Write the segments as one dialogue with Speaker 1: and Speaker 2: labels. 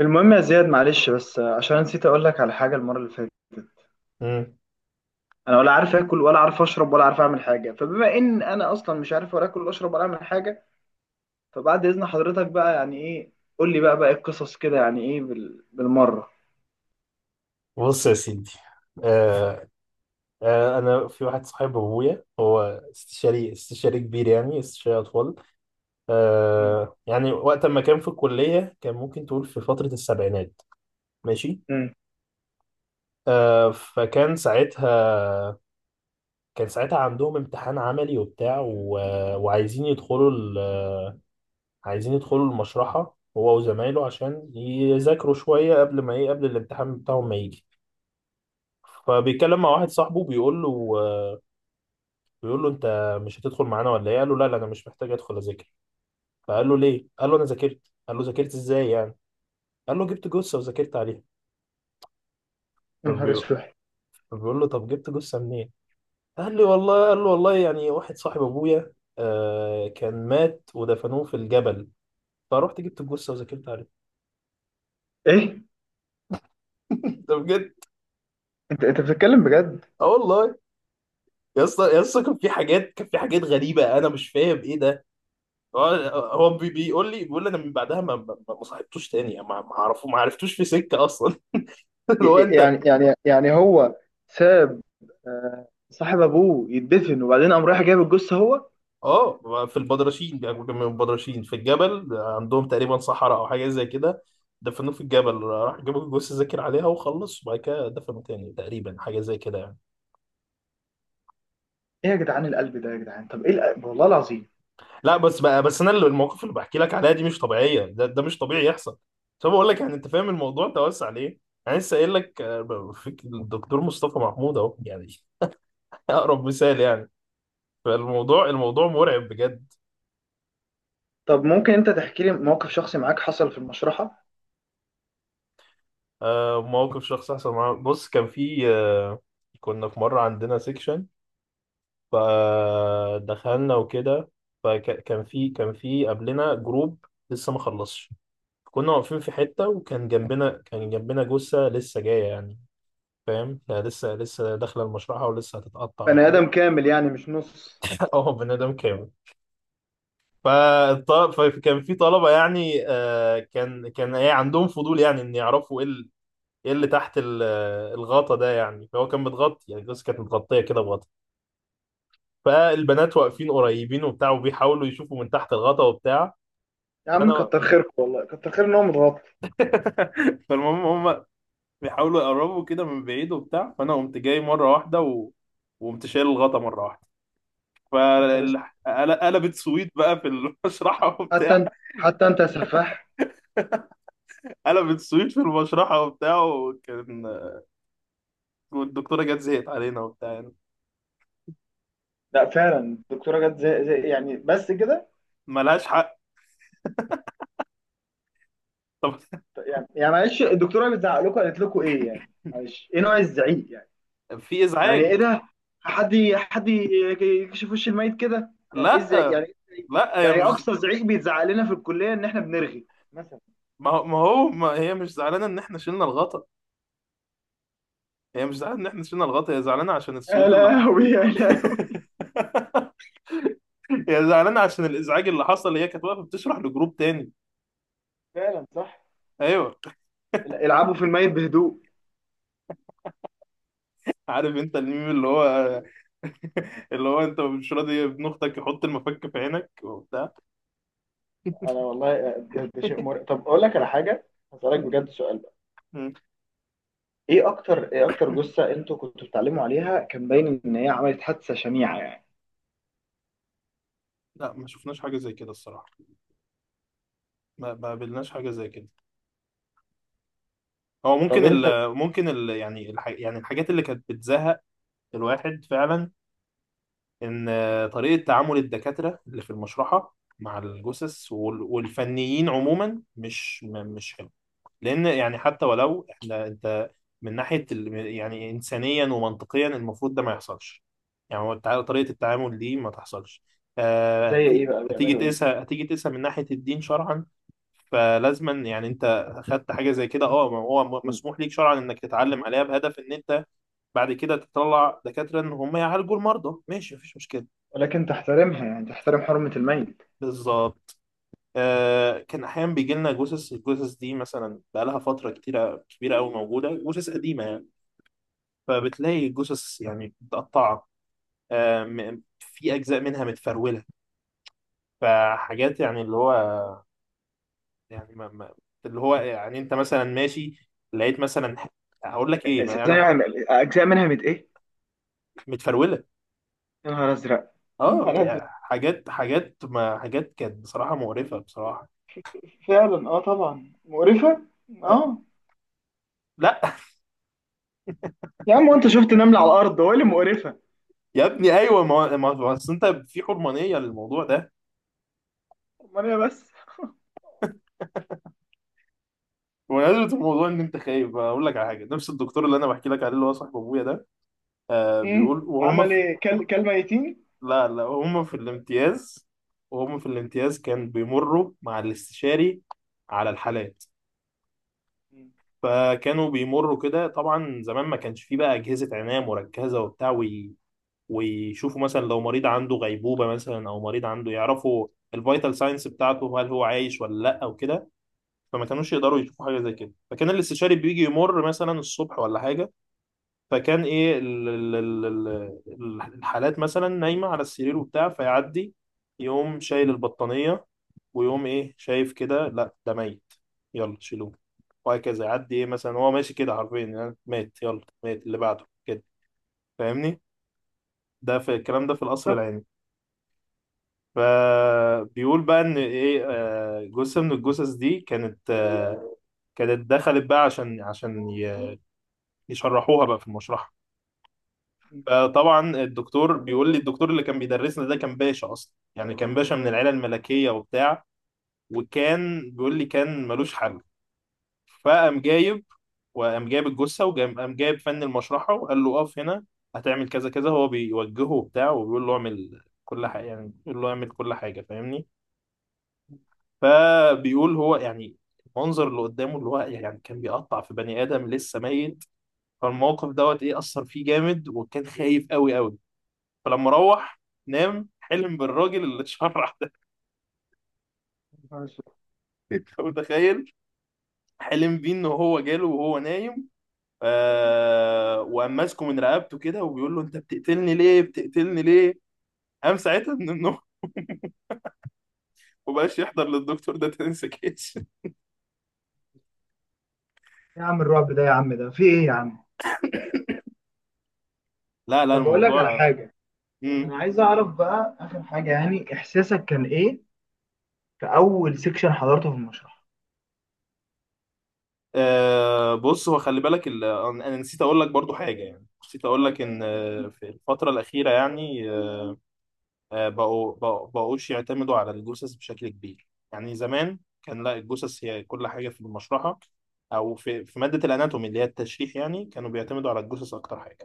Speaker 1: المهم يا زياد، معلش بس عشان نسيت اقول لك على حاجه المره اللي فاتت.
Speaker 2: مم.
Speaker 1: انا ولا عارف اكل ولا عارف اشرب ولا عارف اعمل حاجه، فبما ان انا اصلا مش عارف ولا اكل ولا اشرب ولا اعمل حاجه، فبعد اذن حضرتك بقى، يعني ايه، قول لي بقى إيه القصص كده، يعني ايه بالمره.
Speaker 2: بص يا سيدي. آه انا في واحد صاحب ابويا، هو استشاري كبير، يعني استشاري اطفال.
Speaker 1: مم.
Speaker 2: يعني وقت ما كان في الكليه، كان ممكن تقول في فتره السبعينات. ماشي.
Speaker 1: مم.
Speaker 2: فكان ساعتها، كان ساعتها عندهم امتحان عملي وبتاع وعايزين يدخلوا ال... عايزين يدخلوا المشرحه هو وزمايله، عشان يذاكروا شويه قبل ما ايه، قبل الامتحان بتاعهم ما يجي. فبيتكلم مع واحد صاحبه، بيقول له: انت مش هتدخل معانا ولا ايه؟ قال له: لا لا، انا مش محتاج ادخل اذاكر. فقال له: ليه؟ قال له: انا ذاكرت. قال له: ذاكرت ازاي يعني؟ قال له: جبت جثه وذاكرت عليها.
Speaker 1: يا نهار
Speaker 2: فبي-
Speaker 1: اسود.
Speaker 2: فبيقول له: طب جبت جثه منين؟ قال له: والله، يعني واحد صاحب ابويا كان مات ودفنوه في الجبل، فروحت جبت الجثه وذاكرت عليها.
Speaker 1: ايه؟
Speaker 2: ده بجد.
Speaker 1: انت بتتكلم بجد؟
Speaker 2: اه والله. يا اسطى يا اسطى، كان في حاجات غريبه، انا مش فاهم ايه ده. هو هو بيقول لي: انا من بعدها ما صاحبتوش تاني، ما عرفتوش في سكه اصلا. اللي هو انت.
Speaker 1: يعني هو ساب، صاحب ابوه يدفن، وبعدين قام رايح جايب الجثه هو؟
Speaker 2: اه، في البدرشين بياكلوا جنب البدرشين، في الجبل عندهم تقريبا صحراء او حاجه زي كده. دفنوه في الجبل، راح جابوا جثه ذاكر عليها وخلص، وبعد كده دفنوا تاني تقريبا، حاجه زي كده يعني.
Speaker 1: ايه يا جدعان، القلب ده يا جدعان، طب ايه القلب؟ والله العظيم.
Speaker 2: لا بس بقى، بس المواقف اللي بحكي لك عليها دي مش طبيعيه، ده مش طبيعي يحصل. طب بقول لك، يعني انت فاهم الموضوع توسع ليه؟ انا لسه قايل لك، في الدكتور مصطفى محمود اهو يعني. اقرب مثال يعني. الموضوع مرعب بجد.
Speaker 1: طب ممكن انت تحكي لي موقف شخصي معاك حصل في المشرحة؟
Speaker 2: موقف شخص حصل معاه. بص كان في، كنا في مره عندنا سيكشن، فدخلنا وكده. فكان في كان في قبلنا جروب لسه ما خلصش. كنا واقفين في حتة، وكان جنبنا كان جنبنا جثة لسه جاية يعني. فاهم، هي لسه داخلة المشرحة، ولسه هتتقطع
Speaker 1: بني
Speaker 2: وكده.
Speaker 1: ادم كامل يعني مش نص؟
Speaker 2: اه، بني آدم كامل. فكان في طلبة، يعني كان ايه، عندهم فضول يعني، ان يعرفوا ايه ايه اللي تحت الغطا ده يعني. فهو كان متغطي، يعني الجثة كانت متغطية كده بغطا. فالبنات واقفين قريبين وبتاع، وبيحاولوا يشوفوا من تحت الغطا وبتاع.
Speaker 1: يا عم
Speaker 2: فانا
Speaker 1: كتر خيرك، والله كتر خير ان هو متغطى.
Speaker 2: فالمهم، هم بيحاولوا يقربوا كده من بعيد وبتاع، فانا قمت جاي مره واحده وقمت شايل الغطا مره واحده،
Speaker 1: يا نهار اسود.
Speaker 2: فقلبت سويت بقى في المشرحه.
Speaker 1: حتى
Speaker 2: وبتاع،
Speaker 1: انت، حتى انت يا سفاح.
Speaker 2: قلبت سويت في المشرحه وبتاع، وكان، والدكتوره جت زهقت علينا وبتاع يعني.
Speaker 1: لا فعلا الدكتورة جت زي يعني بس كده.
Speaker 2: ملهاش حق. طب.
Speaker 1: يعني معلش الدكتورة بتزعق لكم، قالت لكم ايه يعني؟ معلش، ايه نوع الزعيق يعني؟
Speaker 2: في
Speaker 1: يعني ايه
Speaker 2: ازعاج.
Speaker 1: ده؟ حد ي- حد ي- يكشف وش الميت كده، يعني ايه الزعيق،
Speaker 2: لا
Speaker 1: يعني إيه الزعيق؟
Speaker 2: لا، هي
Speaker 1: يعني
Speaker 2: مش،
Speaker 1: اقصى زعيق بيتزعق لنا في الكلية ان احنا بنرغي مثلا.
Speaker 2: ما هي مش زعلانه ان احنا شلنا الغطا، هي مش زعلانه ان احنا شلنا الغطا، هي زعلانه عشان
Speaker 1: يا
Speaker 2: السويت اللي حصل.
Speaker 1: لهوي يا لهوي.
Speaker 2: هي زعلانه عشان الازعاج اللي حصل، هي كانت واقفه بتشرح لجروب تاني.
Speaker 1: فعلا صح.
Speaker 2: ايوه.
Speaker 1: العبوا في الميت بهدوء.
Speaker 2: عارف انت الميم اللي هو، اللي هو انت مش راضي ابن اختك يحط المفك في عينك وبتاع.
Speaker 1: انا والله ده شيء مرعب. طب اقول لك على حاجه، هسالك بجد سؤال بقى،
Speaker 2: مم.
Speaker 1: ايه اكتر جثه انتوا كنتوا بتتعلموا عليها كان باين ان هي عملت حادثه شنيعه يعني؟
Speaker 2: لا، ما شفناش حاجه زي كده الصراحه، ما قابلناش حاجه زي كده. هو
Speaker 1: طب
Speaker 2: ممكن
Speaker 1: انت،
Speaker 2: ال، يعني يعني الحاجات اللي كانت بتزهق الواحد فعلا، ان طريقه تعامل الدكاتره اللي في المشرحه مع الجثث والفنيين عموما مش مش حلو. لان يعني حتى ولو احنا انت، من ناحيه يعني انسانيا ومنطقيا، المفروض ده ما يحصلش، يعني هو طريقه التعامل دي ما تحصلش.
Speaker 1: زي ايه بقى بيعملوا ايه؟
Speaker 2: هتيجي تقيسها من ناحيه الدين شرعا. فلازما يعني انت اخدت حاجه زي كده، اه، ما هو مسموح ليك شرعا انك تتعلم عليها، بهدف ان انت بعد كده تطلع دكاتره ان هم يعالجوا المرضى، ماشي مفيش مشكله.
Speaker 1: ولكن تحترمها، يعني تحترم حرمة الميت.
Speaker 2: بالظبط. كان احيانا بيجي لنا جثث، الجثث دي مثلا بقى لها فتره كتيره كبيره قوي موجوده، جثث قديمه يعني. فبتلاقي الجثث يعني متقطعة، في أجزاء منها متفرولة. فحاجات يعني اللي هو، يعني اللي هو يعني أنت مثلا ماشي لقيت مثلا هقول لك إيه
Speaker 1: زي
Speaker 2: يعني.
Speaker 1: يعني، أجزاء منها مت إيه؟
Speaker 2: متفرولة.
Speaker 1: يا نهار أزرق. يا
Speaker 2: أه،
Speaker 1: نهار
Speaker 2: يعني
Speaker 1: أزرق.
Speaker 2: حاجات حاجات ما حاجات كانت بصراحة مقرفة، بصراحة.
Speaker 1: فعلا اه، طبعا مقرفه،
Speaker 2: آه،
Speaker 1: اه.
Speaker 2: لا.
Speaker 1: يا عم وأنت شفت نملة على الأرض، هو إيه اللي مقرفة؟
Speaker 2: يا ابني أيوه، أصل أنت في حرمانية للموضوع ده،
Speaker 1: أمال إيه بس؟
Speaker 2: بمناسبة الموضوع إن أنت خايف. أقول لك على حاجة، نفس الدكتور اللي أنا بحكي لك عليه اللي هو صاحب أبويا ده، بيقول وهم.
Speaker 1: عمل ايه كل ميتين؟
Speaker 2: لا لا، هم في الامتياز، وهم في الامتياز كان بيمروا مع الاستشاري على الحالات. فكانوا بيمروا كده، طبعا زمان ما كانش فيه بقى أجهزة عناية مركزة وبتاع، ويشوفوا مثلا لو مريض عنده غيبوبة، مثلا، أو مريض عنده، يعرفوا الفيتال ساينس بتاعته، هل هو عايش ولا لا او كده. فما كانوش يقدروا يشوفوا حاجة زي كده، فكان الاستشاري بيجي يمر مثلا الصبح ولا حاجة. فكان ايه الحالات مثلا نايمه على السرير وبتاع، فيعدي يقوم شايل البطانيه، ويقوم ايه شايف كده، لا ده ميت، يلا شيلوه، وهكذا. يعدي ايه مثلا، هو ماشي كده حرفيا يعني، مات يلا، مات اللي بعده كده، فاهمني؟ ده في الكلام ده في القصر العيني. فبيقول بقى ان ايه، جثه من الجثث دي كانت، كانت دخلت بقى عشان يشرحوها بقى في المشرحه.
Speaker 1: طب
Speaker 2: فطبعا الدكتور بيقول لي، الدكتور اللي كان بيدرسنا ده كان باشا اصلا، يعني كان باشا من العيله الملكيه وبتاع. وكان بيقول لي كان ملوش حل. فقام جايب وقام جايب الجثه، وقام جايب فن المشرحه وقال له: اقف هنا، هتعمل كذا كذا، هو بيوجهه وبتاع، وبيقول له اعمل كل حاجه، يعني بيقول له اعمل كل حاجه، فاهمني؟ فبيقول هو يعني، المنظر اللي قدامه اللي هو يعني، كان بيقطع في بني ادم لسه ميت. فالموقف دوت ايه، اثر فيه جامد، وكان خايف قوي قوي. فلما روح نام، حلم بالراجل اللي اتشرع ده.
Speaker 1: ماشي.
Speaker 2: انت متخيل؟ حلم بيه ان هو جاله وهو نايم، وقام ماسكه من رقبته كده وبيقول له: انت بتقتلني ليه، بتقتلني ليه؟ قام ساعتها من النوم. ومبقاش يحضر للدكتور ده تاني سكيش.
Speaker 1: إيه يا عم الرعب ده يا عم، ده في ايه يا عم؟
Speaker 2: لا لا،
Speaker 1: طب اقول لك على
Speaker 2: الموضوع.
Speaker 1: حاجه، انا
Speaker 2: مم.
Speaker 1: عايز اعرف بقى اخر حاجه، يعني احساسك كان ايه في اول سيكشن حضرته في المشرح؟
Speaker 2: آه، بص، هو خلي بالك انا نسيت اقول لك برضو حاجه، يعني نسيت اقول لك ان في الفتره الاخيره يعني، بقوش يعتمدوا على الجثث بشكل كبير. يعني زمان كان لا، الجثث هي كل حاجة في المشرحة، أو في مادة الأناتومي اللي هي التشريح، يعني كانوا بيعتمدوا على الجثث أكتر حاجة.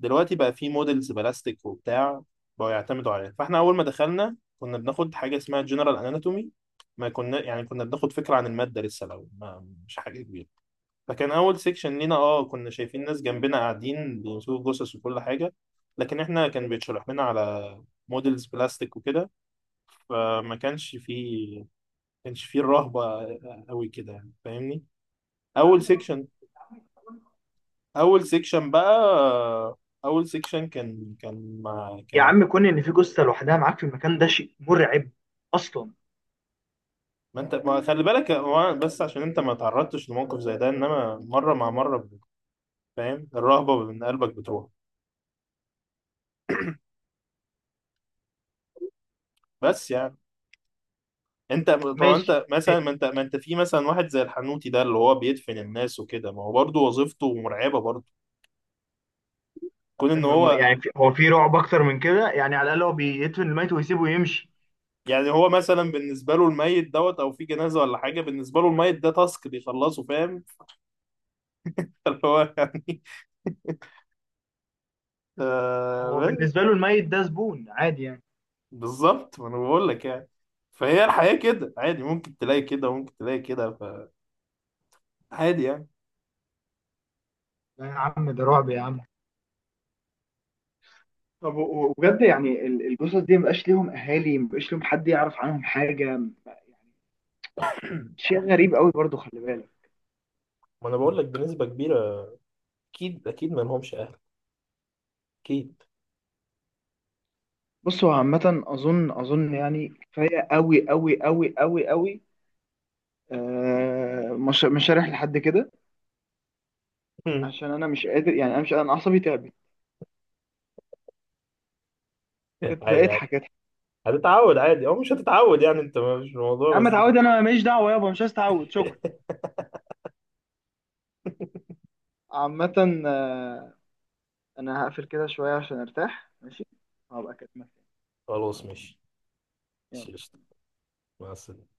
Speaker 2: دلوقتي بقى في موديلز بلاستيك وبتاع، بقوا يعتمدوا عليها. فإحنا أول ما دخلنا كنا بناخد حاجة اسمها جنرال أناتومي، ما كنا يعني كنا بناخد فكرة عن المادة لسه، لو ما، مش حاجة كبيرة. فكان اول سيكشن لينا، كنا شايفين ناس جنبنا قاعدين بيمسكوا جثث وكل حاجه، لكن احنا كان بيتشرح لنا على موديلز بلاستيك وكده. فما كانش فيه، ما كانش فيه الرهبه قوي كده يعني، فاهمني؟
Speaker 1: يا
Speaker 2: اول
Speaker 1: عم رعب،
Speaker 2: سيكشن،
Speaker 1: يا عم كون-
Speaker 2: اول سيكشن بقى، اول سيكشن كان مع
Speaker 1: يا
Speaker 2: كان.
Speaker 1: عم كون ان في جثه لوحدها معاك في المكان ده شيء مرعب اصلا.
Speaker 2: ما انت ما خلي بالك، هو بس عشان انت ما تعرضتش لموقف زي ده، انما مره مع مره فاهم، الرهبه من قلبك بتروح. بس يعني انت، طب
Speaker 1: ماشي.
Speaker 2: انت مثلا ما انت ما انت في مثلا واحد زي الحنوتي ده، اللي هو بيدفن الناس وكده، ما هو برضه وظيفته مرعبه برضه. كون ان هو،
Speaker 1: يعني هو في رعب اكتر من كده يعني، على الاقل هو بيدفن الميت ويسيبه يمشي.
Speaker 2: يعني هو مثلا بالنسبه له الميت دوت، او في جنازه ولا حاجه، بالنسبه له الميت ده تاسك بيخلصه، فاهم؟ اللي هو يعني.
Speaker 1: هو
Speaker 2: آه،
Speaker 1: بالنسبه له الميت ده زبون عادي يعني.
Speaker 2: بالظبط، ما انا بقول لك يعني. فهي الحياه كده عادي، ممكن تلاقي كده وممكن تلاقي كده، فعادي يعني.
Speaker 1: لا يا عم، ده رعب يا عم. طب وبجد يعني الجثث دي مبقاش ليهم اهالي، مبقاش ليهم حد يعرف عنهم حاجه يعني؟ شيء غريب قوي برضو، خلي بالك.
Speaker 2: ما انا بقول لك بنسبه كبيره، اكيد اكيد ما لهمش اهل، اكيد.
Speaker 1: بص هو عامة أظن يعني، كفاية قوي قوي قوي قوي قوي. آه مش هريح لحد كده، عشان أنا مش قادر يعني، أنا مش أنا عصبي تعبت. اضحك
Speaker 2: عادي عادي،
Speaker 1: اضحك.
Speaker 2: هتتعود عادي او مش هتتعود، يعني انت مش
Speaker 1: يا
Speaker 2: الموضوع
Speaker 1: عم
Speaker 2: بس.
Speaker 1: اتعود؟ أنا ماليش دعوة يابا، مش عايز اتعود، شكرا. عامة آه، أنا هقفل كده شوية عشان أرتاح، ماشي. هبقى أكلمك تاني.
Speaker 2: خلاص ماشي.
Speaker 1: يلا.
Speaker 2: قشطة. مع السلامة.